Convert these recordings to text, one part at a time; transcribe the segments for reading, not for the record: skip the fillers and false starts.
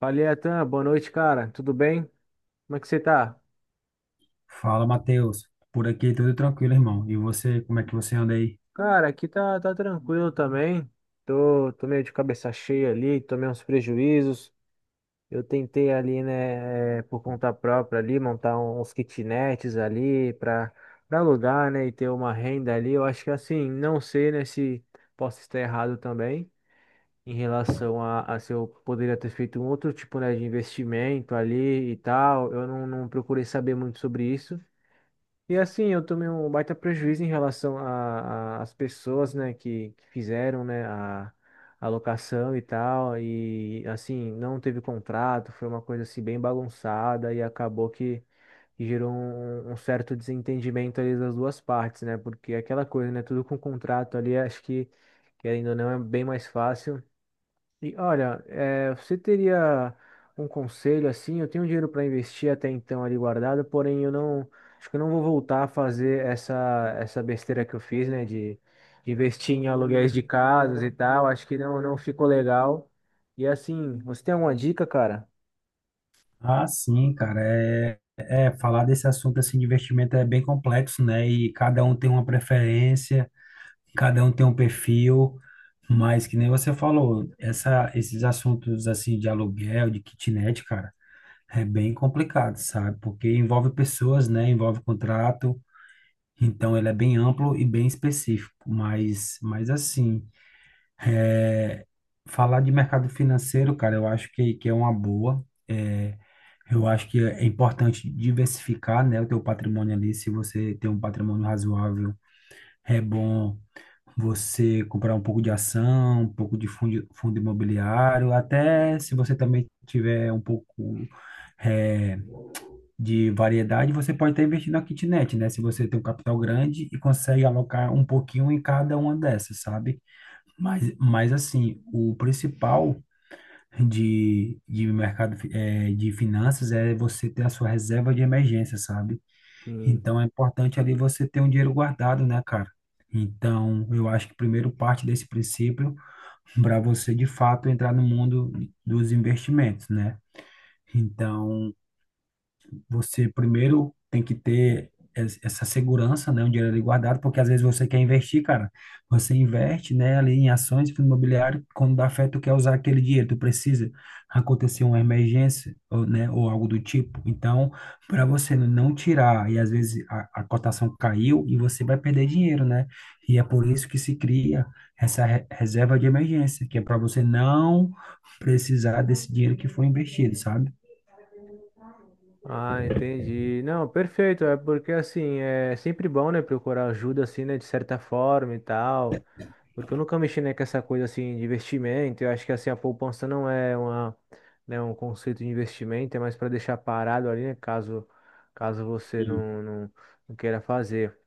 Falei, Atan, boa noite, cara. Tudo bem? Como é que você tá? Fala, Matheus. Por aqui tudo tranquilo, irmão. E você, como é que você anda aí? Cara, aqui tá tranquilo também. Tô meio de cabeça cheia ali, tomei uns prejuízos. Eu tentei ali, né, por conta própria ali, montar uns kitnets ali pra alugar, né, e ter uma renda ali. Eu acho que assim, não sei, né, se posso estar errado também em relação a se eu poderia ter feito um outro tipo, né, de investimento ali e tal. Eu não procurei saber muito sobre isso. E assim, eu tomei um baita prejuízo em relação às pessoas, né, que fizeram, né, a locação e tal, e assim, não teve contrato, foi uma coisa assim bem bagunçada e acabou que gerou um certo desentendimento ali das duas partes, né, porque aquela coisa, né, tudo com contrato ali, acho que, querendo ou não, é bem mais fácil. E olha, você teria um conselho assim? Eu tenho dinheiro para investir até então ali guardado, porém eu não acho que eu não vou voltar a fazer essa besteira que eu fiz, né? De investir em aluguéis de casas e tal. Acho que não ficou legal. E assim, você tem alguma dica, cara? Ah, sim, cara. É falar desse assunto assim de investimento é bem complexo, né? E cada um tem uma preferência, cada um tem um perfil, mas que nem você falou, essa, esses assuntos assim de aluguel, de kitnet, cara, é bem complicado, sabe? Porque envolve pessoas, né? Envolve contrato. Então ele é bem amplo e bem específico, mas assim. Falar de mercado financeiro, cara, eu acho que é uma boa. É, eu acho que é importante diversificar, né, o teu patrimônio ali. Se você tem um patrimônio razoável, é bom você comprar um pouco de ação, um pouco de fundo, fundo imobiliário, até se você também tiver um pouco é, de variedade, você pode estar investindo na kitnet, né? Se você tem um capital grande e consegue alocar um pouquinho em cada uma dessas, sabe? Mas assim, o principal de mercado de finanças é você ter a sua reserva de emergência, sabe? Então é importante ali você ter um dinheiro guardado, né, cara? Então, eu acho que primeiro parte desse princípio para você de fato entrar no mundo dos investimentos, né? Então, você primeiro tem que ter essa segurança, né, um dinheiro ali guardado, porque às vezes você quer investir, cara, você investe, né, ali em ações, fundo imobiliário, quando dá fé, tu quer usar aquele dinheiro, tu precisa acontecer uma emergência, ou, né, ou algo do tipo. Então, para você não tirar, e às vezes a cotação caiu e você vai perder dinheiro, né? E é por isso que se cria essa reserva de emergência, que é para você não precisar desse dinheiro que foi investido, sabe? Ah, entendi. Não, perfeito. É porque assim, é sempre bom, né, procurar ajuda assim, né, de certa forma e tal. Porque eu nunca mexi, né, com essa coisa assim de investimento. Eu acho que assim a poupança não é uma, né, um conceito de investimento, é mais para deixar parado ali, né, caso você não queira fazer.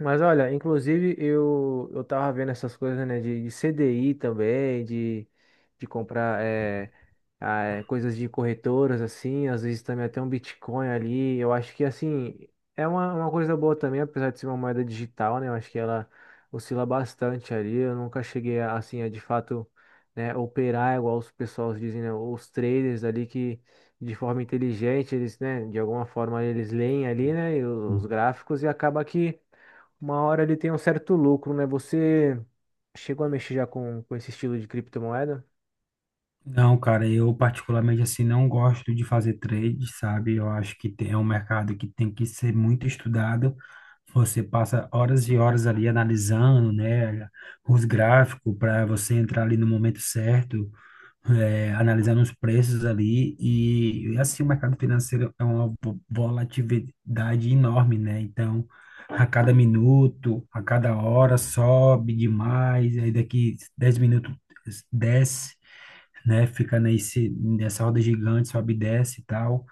Mas olha, inclusive eu tava vendo essas coisas, né, de CDI também, de comprar coisas de corretoras, assim, às vezes também até um Bitcoin ali. Eu acho que, assim, é uma coisa boa também, apesar de ser uma moeda digital, né, eu acho que ela oscila bastante ali. Eu nunca cheguei, a, assim, a de fato, né, operar igual os pessoas dizem, né, os traders ali que de forma inteligente, eles, né, de alguma forma eles leem ali, né, e os Sim. gráficos e acaba que. Uma hora ele tem um certo lucro, né? Você chegou a mexer já com esse estilo de criptomoeda? Não, cara, eu particularmente assim não gosto de fazer trade, sabe? Eu acho que tem, é um mercado que tem que ser muito estudado. Você passa horas e horas ali analisando, né, os gráficos para você entrar ali no momento certo, é, analisando os preços ali assim o mercado financeiro é uma volatilidade enorme, né? Então, a cada minuto, a cada hora sobe demais, aí daqui 10 minutos desce, né? Fica nesse, nessa roda gigante, sobe e desce e tal.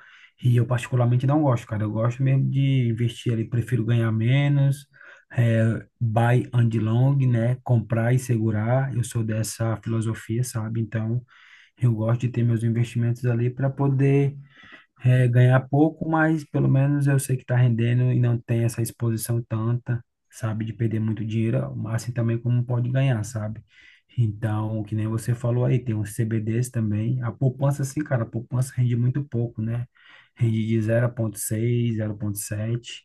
E eu particularmente não gosto, cara. Eu gosto mesmo de investir ali, prefiro ganhar menos, é, buy and long, né? Comprar e segurar. Eu sou dessa filosofia, sabe? Então, eu gosto de ter meus investimentos ali para poder é, ganhar pouco, mas pelo menos eu sei que está rendendo e não tem essa exposição tanta, sabe, de perder muito dinheiro, mas assim também como pode ganhar, sabe? Então, que nem você falou aí, tem os CBDs também. A poupança, sim, cara, a poupança rende muito pouco, né? Rende de 0,6, sete.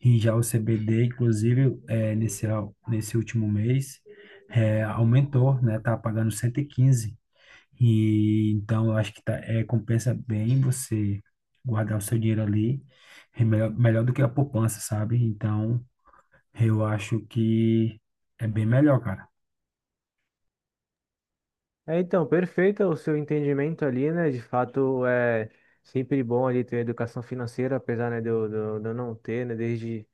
E já o CBD, inclusive, é, nesse último mês, é, aumentou, né? Tá pagando 115. E então eu acho que tá, é, compensa bem você guardar o seu dinheiro ali, é melhor, melhor do que a poupança, sabe? Então eu acho que é bem melhor, cara. É, então, perfeito o seu entendimento ali, né? De fato, é sempre bom ali ter educação financeira, apesar, né, de eu não ter, né? Desde,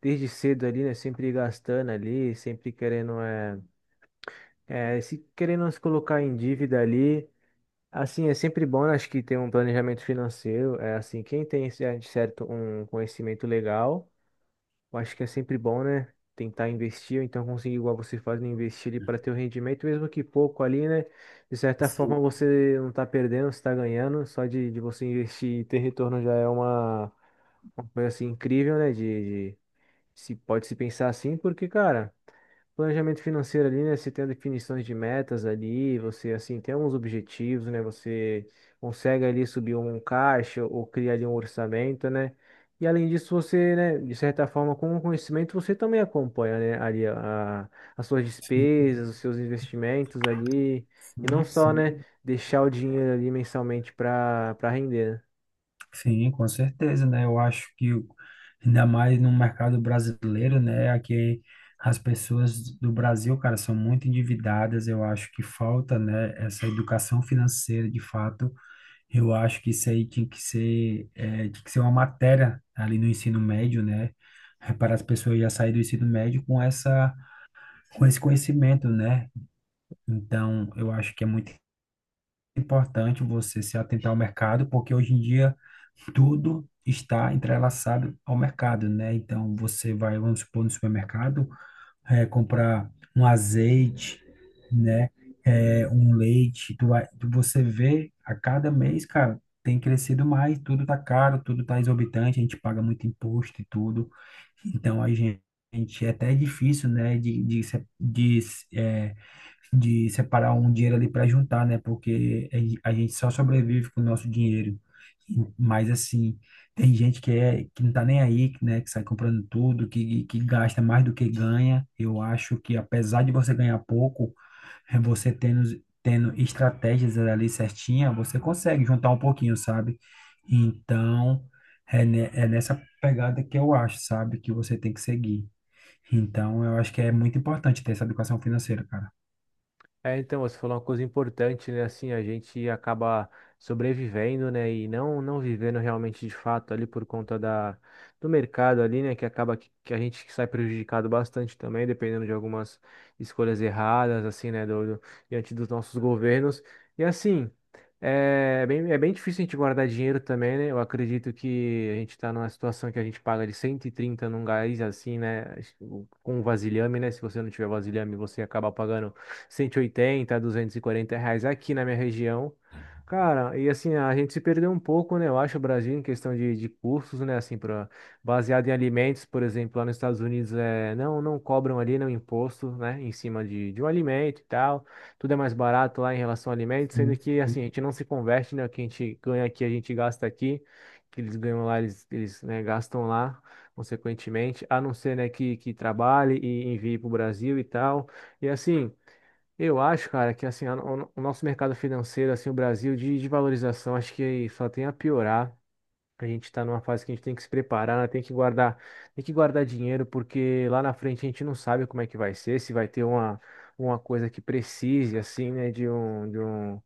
desde cedo ali, né? Sempre gastando ali, sempre querendo, se querendo se colocar em dívida ali. Assim, é sempre bom, né, acho que ter um planejamento financeiro. É assim, quem tem de certo um conhecimento legal. Eu acho que é sempre bom, né? Tentar investir, ou então conseguir, igual você faz, né, investir ali para ter o rendimento, mesmo que pouco ali, né? De certa Sim, forma você não tá perdendo, você tá ganhando. Só de você investir e ter retorno já é uma coisa assim incrível, né? De, se pode se pensar assim, porque, cara, planejamento financeiro ali, né? Você tem definições de metas ali, você assim tem alguns objetivos, né? Você consegue ali subir um caixa ou criar ali um orçamento, né? E além disso, você, né, de certa forma, com o conhecimento, você também acompanha, né, ali as suas sim, despesas, os seus investimentos ali, e não sim, só, né, sim. deixar o dinheiro ali mensalmente para render, né? Sim, com certeza, né? Eu acho que ainda mais no mercado brasileiro, né? Aqui as pessoas do Brasil, cara, são muito endividadas. Eu acho que falta, né, essa educação financeira de fato. Eu acho que isso aí tinha que ser, é, tinha que ser uma matéria ali no ensino médio, né? É, para as pessoas já saírem do ensino médio com essa, com esse conhecimento, né? Então, eu acho que é muito importante você se atentar ao mercado, porque hoje em dia tudo está entrelaçado ao mercado, né? Então, você vai, vamos supor, no supermercado é, comprar um azeite, né? É, um leite. Tu vai, você vê a cada mês, cara, tem crescido mais, tudo tá caro, tudo tá exorbitante, a gente paga muito imposto e tudo. Então a gente é até difícil, né? De, se- de, é, de separar um dinheiro ali para juntar, né? Porque a a gente só sobrevive com o nosso dinheiro. E, mas assim, tem gente que é que não tá nem aí, que, né, que sai comprando tudo, que gasta mais do que ganha. Eu acho que apesar de você ganhar pouco, é você tendo estratégias ali certinha, você consegue juntar um pouquinho, sabe? Então, é, é nessa pegada que eu acho, sabe, que você tem que seguir. Então, eu acho que é muito importante ter essa educação financeira, cara. É, então, você falou uma coisa importante, né? Assim, a gente acaba sobrevivendo, né? E não vivendo realmente de fato ali por conta da, do mercado ali, né? Que acaba que, a gente sai prejudicado bastante também, dependendo de algumas escolhas erradas, assim, né? Diante dos nossos governos. E assim, é bem difícil a gente guardar dinheiro também, né? Eu acredito que a gente está numa situação que a gente paga de 130 num gás, assim, né? Com vasilhame, né? Se você não tiver vasilhame, você acaba pagando 180, R$ 240 aqui na minha região. Cara, e assim, a gente se perdeu um pouco, né? Eu acho, o Brasil, em questão de cursos, né? Assim, pra, baseado em alimentos, por exemplo, lá nos Estados Unidos, é, não cobram ali, não imposto, né? Em cima de um alimento e tal. Tudo é mais barato lá em relação a alimentos, sendo Sim, que, assim, a gente não se converte, né? O que a gente ganha aqui, a gente gasta aqui. O que eles ganham lá, eles, né, gastam lá, consequentemente. A não ser, né, que trabalhe e envie para o Brasil e tal. E assim. Eu acho, cara, que assim, o nosso mercado financeiro, assim, o Brasil de valorização, acho que só tem a piorar. A gente está numa fase que a gente tem que se preparar, né? Tem que guardar dinheiro, porque lá na frente a gente não sabe como é que vai ser, se vai ter uma coisa que precise, assim, né,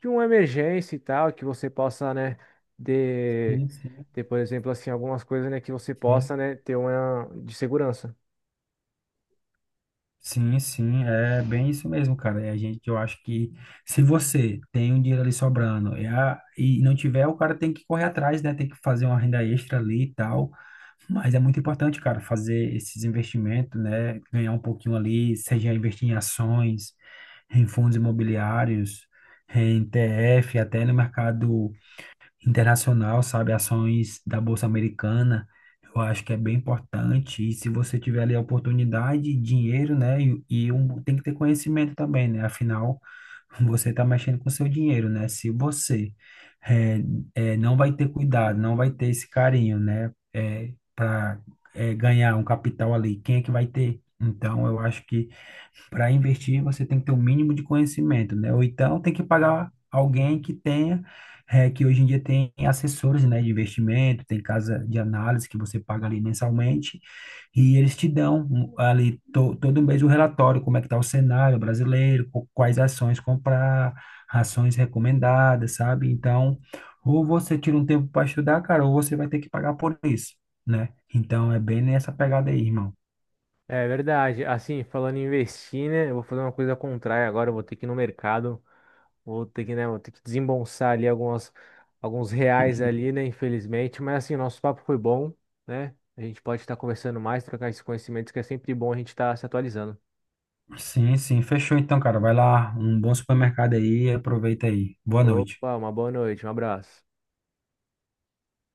de uma emergência e tal, que você possa, né, ter, sim, sim, ter, por exemplo, assim, algumas coisas, né, que você sim. possa, né, ter uma de segurança. Sim, sim, é bem isso mesmo, cara. E a gente, eu acho que se você tem um dinheiro ali sobrando e não tiver, o cara tem que correr atrás, né? Tem que fazer uma renda extra ali e tal. Mas é muito importante, cara, fazer esses investimentos, né? Ganhar um pouquinho ali, seja investir em ações, em fundos imobiliários, em ETF, até no mercado internacional, sabe? Ações da Bolsa Americana, eu acho que é bem importante. E se você tiver ali a oportunidade, dinheiro, né? E um, tem que ter conhecimento também, né? Afinal, você está mexendo com o seu dinheiro, né? Se você eh, não vai ter cuidado, não vai ter esse carinho, né? Para ganhar um capital ali, quem é que vai ter? Então, eu acho que para investir, você tem que ter o mínimo de conhecimento, né? Ou então tem que pagar alguém que tenha, eh, que hoje em dia tem assessores, né, de investimento, tem casa de análise que você paga ali mensalmente, e eles te dão um, ali todo mês o relatório, como é que está o cenário brasileiro, quais ações comprar, ações recomendadas, sabe? Então, ou você tira um tempo para estudar, cara, ou você vai ter que pagar por isso, né? Então é bem nessa pegada aí, irmão. É verdade. Assim, falando em investir, né? Eu vou fazer uma coisa contrária agora. Eu vou ter que ir no mercado. Vou ter que, né? Vou ter que desembolsar ali alguns reais ali, né? Infelizmente. Mas assim, o nosso papo foi bom, né? A gente pode estar conversando mais, trocar esses conhecimentos, que é sempre bom a gente estar se atualizando. Sim, sim, fechou então, cara. Vai lá, um bom supermercado aí, aproveita aí. Boa noite. Opa, uma boa noite, um abraço.